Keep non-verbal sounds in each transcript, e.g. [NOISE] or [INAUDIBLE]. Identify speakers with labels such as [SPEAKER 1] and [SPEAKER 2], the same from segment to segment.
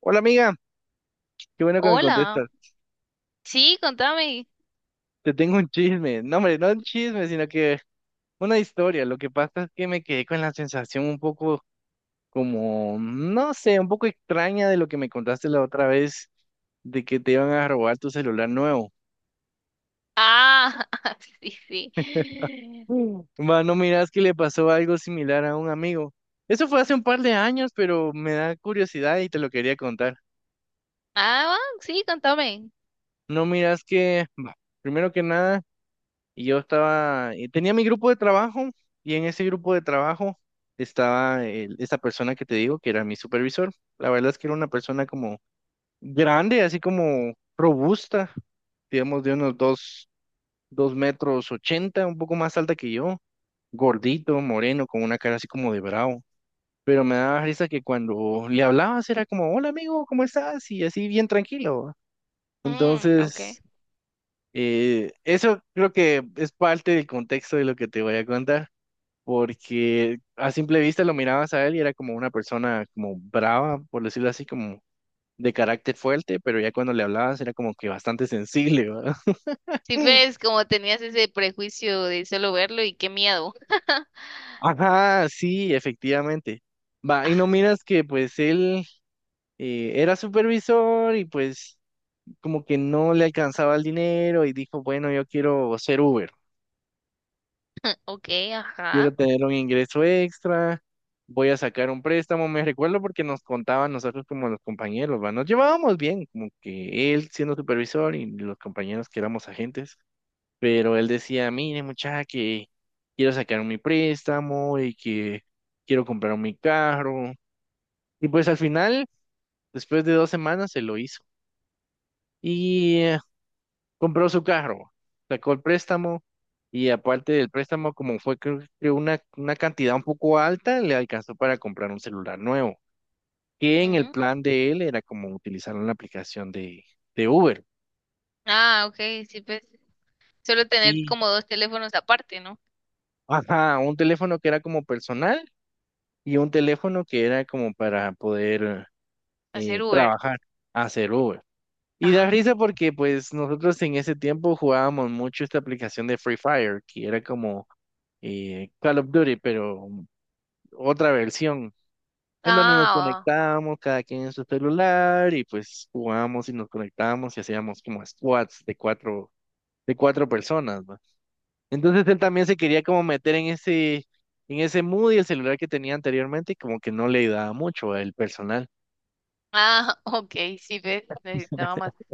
[SPEAKER 1] Hola amiga, qué bueno que me
[SPEAKER 2] Hola,
[SPEAKER 1] contestas.
[SPEAKER 2] sí, contame.
[SPEAKER 1] Te tengo un chisme. No, hombre, no un chisme, sino que una historia. Lo que pasa es que me quedé con la sensación un poco como, no sé, un poco extraña de lo que me contaste la otra vez, de que te iban a robar tu celular nuevo.
[SPEAKER 2] Ah, [LAUGHS] sí, sí.
[SPEAKER 1] Mm. Mano, miras que le pasó algo similar a un amigo. Eso fue hace un par de años, pero me da curiosidad y te lo quería contar.
[SPEAKER 2] Ah, va, sí, contame.
[SPEAKER 1] No miras que, bah, primero que nada... Y yo estaba, y tenía mi grupo de trabajo y en ese grupo de trabajo estaba esa persona que te digo que era mi supervisor. La verdad es que era una persona como grande, así como robusta, digamos de unos dos metros ochenta, un poco más alta que yo, gordito, moreno, con una cara así como de bravo. Pero me daba risa que cuando le hablabas era como, hola amigo, ¿cómo estás? Y así bien tranquilo, ¿va?
[SPEAKER 2] Mm, okay.
[SPEAKER 1] Entonces, eso creo que es parte del contexto de lo que te voy a contar porque a simple vista lo mirabas a él y era como una persona como brava, por decirlo así, como de carácter fuerte, pero ya cuando le hablabas era como que bastante sensible, ¿verdad?
[SPEAKER 2] Sí,
[SPEAKER 1] [LAUGHS]
[SPEAKER 2] ves, como tenías ese prejuicio de solo verlo y qué miedo. [LAUGHS]
[SPEAKER 1] Ajá, sí, efectivamente. Va, y
[SPEAKER 2] Ah,
[SPEAKER 1] no miras que pues él era supervisor y pues como que no le alcanzaba el dinero y dijo, bueno, yo quiero ser Uber.
[SPEAKER 2] okay,
[SPEAKER 1] Quiero
[SPEAKER 2] ajá.
[SPEAKER 1] tener un ingreso extra, voy a sacar un préstamo, me recuerdo porque nos contaban nosotros como los compañeros, ¿va? Nos llevábamos bien, como que él siendo supervisor y los compañeros que éramos agentes, pero él decía, mire muchacha, que quiero sacar mi préstamo y que quiero comprar mi carro. Y pues al final, después de 2 semanas, se lo hizo. Y compró su carro, sacó el préstamo y aparte del préstamo, como fue creo que una cantidad un poco alta, le alcanzó para comprar un celular nuevo, que en el
[SPEAKER 2] Mm.
[SPEAKER 1] plan de él era como utilizar una aplicación de Uber.
[SPEAKER 2] Ah, okay, sí, pues solo tener
[SPEAKER 1] Y,
[SPEAKER 2] como dos teléfonos aparte, ¿no?
[SPEAKER 1] ajá, un teléfono que era como personal y un teléfono que era como para poder
[SPEAKER 2] Hacer Uber.
[SPEAKER 1] trabajar, hacer Uber. Y da
[SPEAKER 2] Ah,
[SPEAKER 1] risa porque pues nosotros en ese tiempo jugábamos mucho esta aplicación de Free Fire, que era como Call of Duty, pero otra versión, en donde nos
[SPEAKER 2] ah,
[SPEAKER 1] conectábamos cada quien en su celular y pues jugábamos y nos conectábamos y hacíamos como squads de cuatro personas, ¿va? Entonces él también se quería como meter en ese mood y el celular que tenía anteriormente y como que no le ayudaba mucho el personal.
[SPEAKER 2] ah, [LAUGHS] okay, sí, ves, necesitaba más
[SPEAKER 1] [LAUGHS]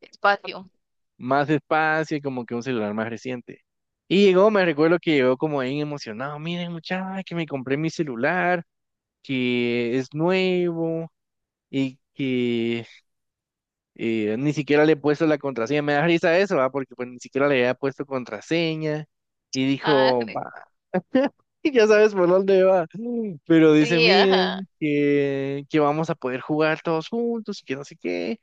[SPEAKER 2] espacio.
[SPEAKER 1] Más espacio y como que un celular más reciente. Y llegó, me recuerdo que llegó como bien emocionado, miren muchachos, que me compré mi celular, que es nuevo y que y ni siquiera le he puesto la contraseña. Me da risa eso, ¿va? Porque pues ni siquiera le había puesto contraseña. Y
[SPEAKER 2] Ah,
[SPEAKER 1] dijo,
[SPEAKER 2] [LAUGHS]
[SPEAKER 1] va, [LAUGHS] ya sabes por dónde va. Pero dice,
[SPEAKER 2] sí, ajá.
[SPEAKER 1] miren, que vamos a poder jugar todos juntos y que no sé qué.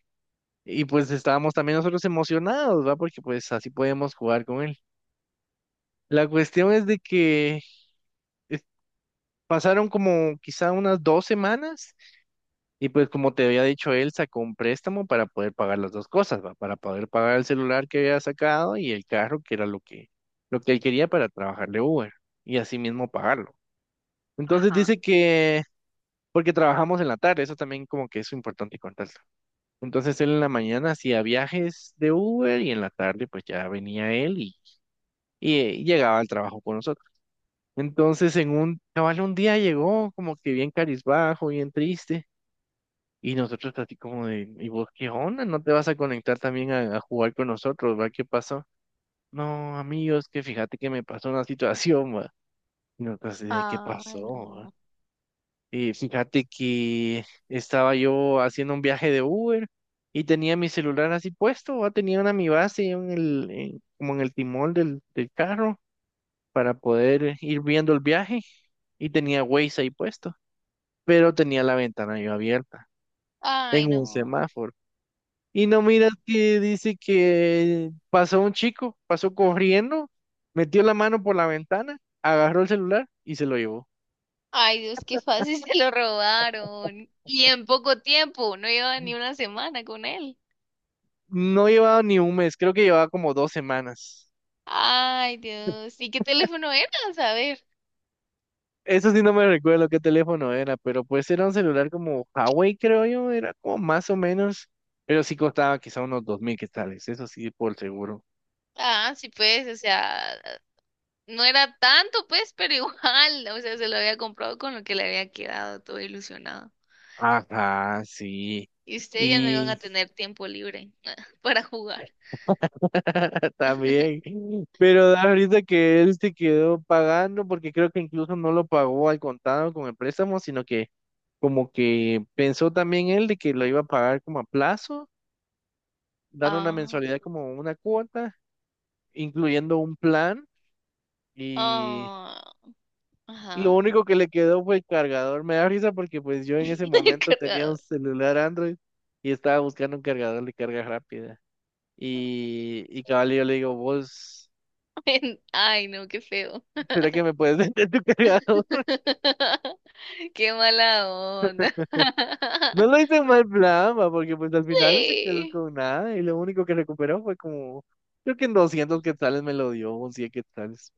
[SPEAKER 1] Y pues estábamos también nosotros emocionados, ¿va? Porque pues así podemos jugar con él. La cuestión es de que eh, pasaron como quizá unas 2 semanas. Y pues como te había dicho él, sacó un préstamo para poder pagar las dos cosas, ¿va? Para poder pagar el celular que había sacado y el carro, que era lo que él quería para trabajarle Uber, y así mismo pagarlo. Entonces
[SPEAKER 2] Ajá.
[SPEAKER 1] dice que, porque trabajamos en la tarde, eso también como que es importante contarlo. Entonces él en la mañana hacía viajes de Uber y en la tarde pues ya venía él y llegaba al trabajo con nosotros. Entonces cabal un día llegó como que bien carizbajo, bien triste. Y nosotros así como de, ¿y vos qué onda? ¿No te vas a conectar también a jugar con nosotros? ¿Va? ¿Qué pasó? No, amigos, que fíjate que me pasó una situación, va. Y nosotros así de, ¿qué
[SPEAKER 2] Ay,
[SPEAKER 1] pasó,
[SPEAKER 2] no.
[SPEAKER 1] va? Y fíjate que estaba yo haciendo un viaje de Uber y tenía mi celular así puesto, va. Tenía una mi base en como en el timón del carro para poder ir viendo el viaje y tenía Waze ahí puesto, pero tenía la ventana yo abierta
[SPEAKER 2] Ay,
[SPEAKER 1] en un
[SPEAKER 2] no.
[SPEAKER 1] semáforo. Y no miras que dice que pasó un chico, pasó corriendo, metió la mano por la ventana, agarró el celular y se lo llevó.
[SPEAKER 2] Ay, Dios, qué fácil [LAUGHS] se lo robaron. Y en poco tiempo, no llevaba ni una semana con él.
[SPEAKER 1] No llevaba ni un mes, creo que llevaba como 2 semanas.
[SPEAKER 2] Ay, Dios. ¿Y qué teléfono era? A ver.
[SPEAKER 1] Eso sí no me recuerdo qué teléfono era, pero pues era un celular como Huawei, creo yo, era como más o menos, pero sí costaba quizá unos 2,000 quetzales, eso sí, por seguro.
[SPEAKER 2] Ah, sí, pues, o sea, no era tanto, pues, pero [LAUGHS] igual, o sea, se lo había comprado con lo que le había quedado, todo ilusionado.
[SPEAKER 1] Ajá, sí.
[SPEAKER 2] Y ustedes ya no iban a tener tiempo libre [LAUGHS] para jugar.
[SPEAKER 1] [LAUGHS] También,
[SPEAKER 2] [LAUGHS]
[SPEAKER 1] pero da ahorita que él se quedó pagando, porque creo que incluso no lo pagó al contado con el préstamo, sino que como que pensó también él de que lo iba a pagar como a plazo, dando una
[SPEAKER 2] Ah,
[SPEAKER 1] mensualidad como una cuota, incluyendo un plan, y,
[SPEAKER 2] ah,
[SPEAKER 1] y lo
[SPEAKER 2] ajá.
[SPEAKER 1] único que le quedó fue el cargador. Me da risa porque pues yo en ese
[SPEAKER 2] [LAUGHS] El
[SPEAKER 1] momento tenía un
[SPEAKER 2] cargador.
[SPEAKER 1] celular Android y estaba buscando un cargador de carga rápida. Y cabal, yo le digo, vos,
[SPEAKER 2] [LAUGHS] Ay, no, qué feo.
[SPEAKER 1] ¿será que me puedes [LAUGHS] vender tu cargador?
[SPEAKER 2] [LAUGHS] Qué mala onda.
[SPEAKER 1] No lo
[SPEAKER 2] [LAUGHS]
[SPEAKER 1] hice en mal plan, va, porque pues al final no se quedó
[SPEAKER 2] Sí,
[SPEAKER 1] con nada y lo único que recuperó fue como, creo que en 200 quetzales me lo dio, un 100 quetzales.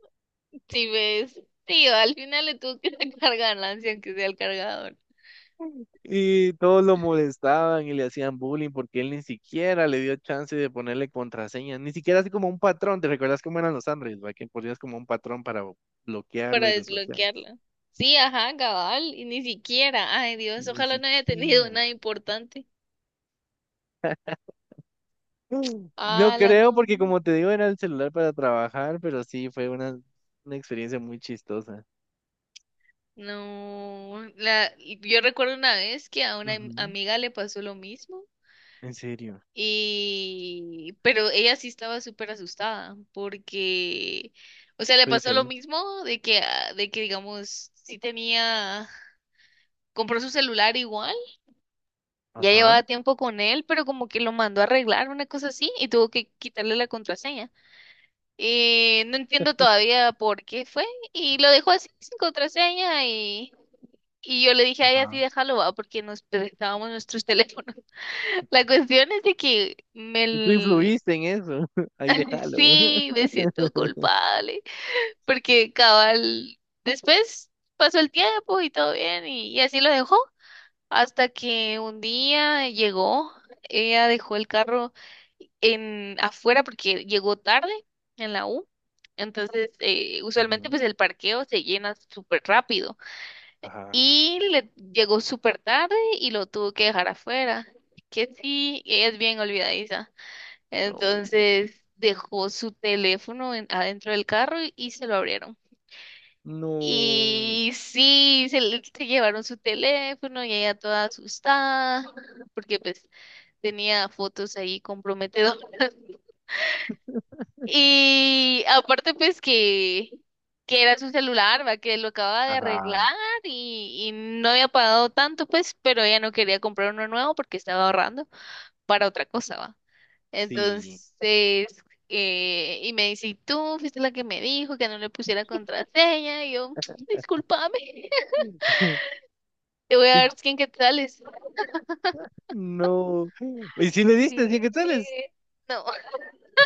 [SPEAKER 2] sí ves. Sí, al final le tuvo que sacar ganancia, aunque sea el cargador,
[SPEAKER 1] Y todos lo molestaban y le hacían bullying porque él ni siquiera le dio chance de ponerle contraseña, ni siquiera así como un patrón, ¿te recuerdas cómo eran los Android, va? Que ponías como un patrón para bloquearlo
[SPEAKER 2] para
[SPEAKER 1] y desbloquearlo.
[SPEAKER 2] desbloquearla. Sí, ajá, cabal, y ni siquiera. Ay, Dios,
[SPEAKER 1] Ni
[SPEAKER 2] ojalá no haya tenido
[SPEAKER 1] siquiera.
[SPEAKER 2] nada importante.
[SPEAKER 1] Mm. No
[SPEAKER 2] Ah, la
[SPEAKER 1] creo
[SPEAKER 2] no.
[SPEAKER 1] porque como te digo era el celular para trabajar, pero sí fue una experiencia muy chistosa.
[SPEAKER 2] No, la, yo recuerdo una vez que a una
[SPEAKER 1] Ujú.
[SPEAKER 2] amiga le pasó lo mismo.
[SPEAKER 1] En serio.
[SPEAKER 2] Y pero ella sí estaba súper asustada porque, o sea, le
[SPEAKER 1] Fue
[SPEAKER 2] pasó lo
[SPEAKER 1] diferente.
[SPEAKER 2] mismo de que, ah, de que digamos, sí tenía, compró su celular igual, ya
[SPEAKER 1] Ajá.
[SPEAKER 2] llevaba tiempo con él, pero como que lo mandó a arreglar, una cosa así, y tuvo que quitarle la contraseña. No entiendo todavía por qué fue, y lo dejó así sin contraseña y... Y yo le dije a ella, sí,
[SPEAKER 1] Ajá.
[SPEAKER 2] déjalo, va, porque nos prestábamos nuestros teléfonos. [LAUGHS] La cuestión es de que
[SPEAKER 1] Y tú
[SPEAKER 2] me,
[SPEAKER 1] influiste en eso. [LAUGHS] Ahí déjalo.
[SPEAKER 2] Sí, me siento
[SPEAKER 1] [LAUGHS]
[SPEAKER 2] culpable, porque cabal, después pasó el tiempo y todo bien, y así lo dejó, hasta que un día llegó, ella dejó el carro en afuera porque llegó tarde en la U. Entonces usualmente
[SPEAKER 1] Ujú.
[SPEAKER 2] pues el parqueo se llena súper rápido,
[SPEAKER 1] Ajá.
[SPEAKER 2] y le llegó súper tarde y lo tuvo que dejar afuera, que sí, ella es bien olvidadiza.
[SPEAKER 1] No.
[SPEAKER 2] Entonces dejó su teléfono adentro del carro y se lo abrieron.
[SPEAKER 1] No.
[SPEAKER 2] Y sí, se llevaron su teléfono y ella toda asustada porque pues tenía fotos ahí comprometedoras. [LAUGHS] Y aparte pues que era su celular, ¿va? Que lo acababa de
[SPEAKER 1] Ajá.
[SPEAKER 2] arreglar y no había pagado tanto pues, pero ella no quería comprar uno nuevo porque estaba ahorrando para otra cosa, ¿va?
[SPEAKER 1] Sí.
[SPEAKER 2] Entonces, y me dice, "¿Y tú fuiste la que me dijo que no le pusiera contraseña?". Y yo, [TSK] discúlpame, [LAUGHS]
[SPEAKER 1] [LAUGHS]
[SPEAKER 2] te voy a
[SPEAKER 1] Y-
[SPEAKER 2] dar 100 quetzales.
[SPEAKER 1] no. Y si le
[SPEAKER 2] Sí.
[SPEAKER 1] diste 100 quetzales.
[SPEAKER 2] No,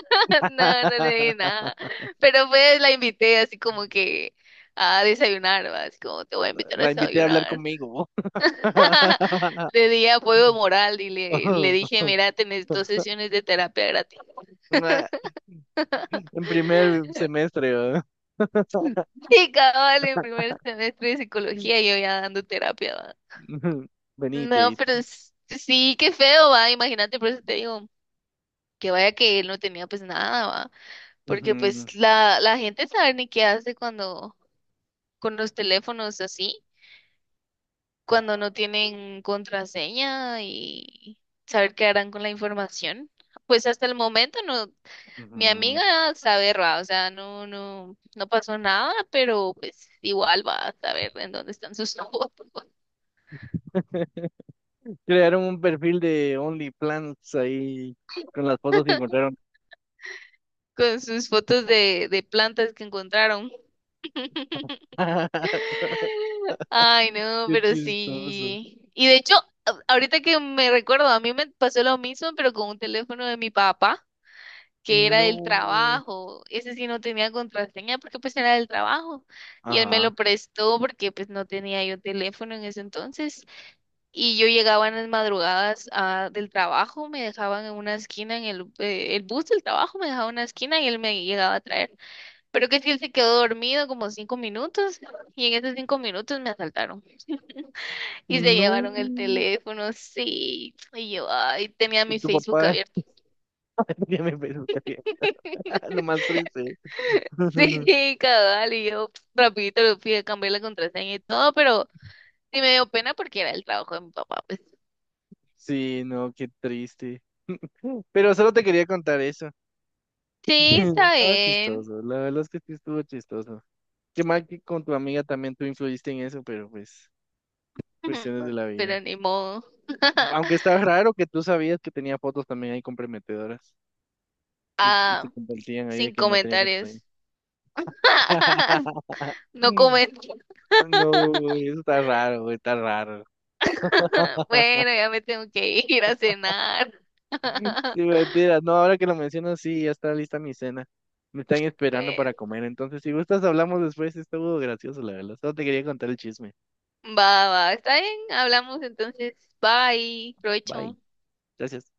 [SPEAKER 2] [LAUGHS] no, no le di nada.
[SPEAKER 1] [LAUGHS]
[SPEAKER 2] Pero pues la invité así como que a desayunar, ¿va? Así como te voy a invitar a
[SPEAKER 1] La invité a hablar
[SPEAKER 2] desayunar.
[SPEAKER 1] conmigo.
[SPEAKER 2] [LAUGHS]
[SPEAKER 1] [LAUGHS]
[SPEAKER 2] Le di apoyo moral y le dije, mira, tenés dos sesiones de terapia gratis.
[SPEAKER 1] Nah, en primer semestre, ¿verdad?
[SPEAKER 2] [LAUGHS]
[SPEAKER 1] [LAUGHS]
[SPEAKER 2] Y cabal, en primer semestre de psicología, yo ya dando terapia. No,
[SPEAKER 1] Venite.
[SPEAKER 2] pero sí, qué feo, va, imagínate, por eso te digo, que vaya que él no tenía pues nada, va, porque
[SPEAKER 1] Ujú,
[SPEAKER 2] pues la gente sabe ni qué hace cuando, con los teléfonos así, cuando no tienen contraseña y saber qué harán con la información. Pues hasta el momento no, mi
[SPEAKER 1] ujú.
[SPEAKER 2] amiga sabe, va, o sea, no pasó nada, pero pues igual va a saber en dónde están sus [LAUGHS] fotos,
[SPEAKER 1] [LAUGHS] Crearon un perfil de OnlyPlants ahí con las fotos que encontraron.
[SPEAKER 2] con sus fotos de plantas que encontraron.
[SPEAKER 1] [LAUGHS]
[SPEAKER 2] Ay, no,
[SPEAKER 1] Qué
[SPEAKER 2] pero
[SPEAKER 1] chistoso.
[SPEAKER 2] sí. Y de hecho, ahorita que me recuerdo, a mí me pasó lo mismo, pero con un teléfono de mi papá, que era del
[SPEAKER 1] No.
[SPEAKER 2] trabajo. Ese sí no tenía contraseña porque pues era del trabajo. Y él me lo
[SPEAKER 1] Ajá.
[SPEAKER 2] prestó porque pues no tenía yo teléfono en ese entonces. Y yo llegaba en las madrugadas ah, del trabajo, me dejaban en una esquina, en el bus del trabajo me dejaba en una esquina y él me llegaba a traer. Pero que si él se quedó dormido como cinco minutos y en esos cinco minutos me asaltaron. Y se
[SPEAKER 1] No.
[SPEAKER 2] llevaron el teléfono, sí. Y yo, ay, tenía
[SPEAKER 1] Y
[SPEAKER 2] mi
[SPEAKER 1] tu
[SPEAKER 2] Facebook
[SPEAKER 1] papá
[SPEAKER 2] abierto.
[SPEAKER 1] [LAUGHS] ya me pensó también. [LAUGHS] Lo más triste.
[SPEAKER 2] [LAUGHS]
[SPEAKER 1] [LAUGHS]
[SPEAKER 2] Sí, cabal, y yo pf, rapidito le fui a cambiar la contraseña y todo, pero sí me dio pena porque era el trabajo de mi papá, pues.
[SPEAKER 1] Sí, no, qué triste. [LAUGHS] Pero solo te quería contar eso.
[SPEAKER 2] Sí,
[SPEAKER 1] [LAUGHS]
[SPEAKER 2] está
[SPEAKER 1] Estaba
[SPEAKER 2] bien,
[SPEAKER 1] chistoso. La verdad es que sí estuvo chistoso. Qué mal que con tu amiga también tú influiste en eso, pero pues, cuestiones
[SPEAKER 2] [LAUGHS]
[SPEAKER 1] de la
[SPEAKER 2] pero
[SPEAKER 1] vida.
[SPEAKER 2] ni modo.
[SPEAKER 1] Aunque
[SPEAKER 2] [LAUGHS]
[SPEAKER 1] estaba raro que tú sabías que tenía fotos también ahí comprometedoras y se
[SPEAKER 2] Ah,
[SPEAKER 1] compartían ahí de
[SPEAKER 2] sin
[SPEAKER 1] que no tenía que estar ahí.
[SPEAKER 2] comentarios. [LAUGHS]
[SPEAKER 1] [LAUGHS]
[SPEAKER 2] No comento.
[SPEAKER 1] No,
[SPEAKER 2] [LAUGHS]
[SPEAKER 1] eso está raro, güey, está raro. [LAUGHS]
[SPEAKER 2] Bueno, ya me tengo que ir a cenar.
[SPEAKER 1] Sí,
[SPEAKER 2] [LAUGHS]
[SPEAKER 1] mentira. No, ahora que lo mencionas, sí, ya está lista mi cena. Me están esperando
[SPEAKER 2] Bueno.
[SPEAKER 1] para comer. Entonces, si gustas, hablamos después. Estuvo gracioso, la verdad. Solo te quería contar el chisme.
[SPEAKER 2] Va, va, está bien, hablamos entonces. Bye, provecho.
[SPEAKER 1] Bye. Gracias.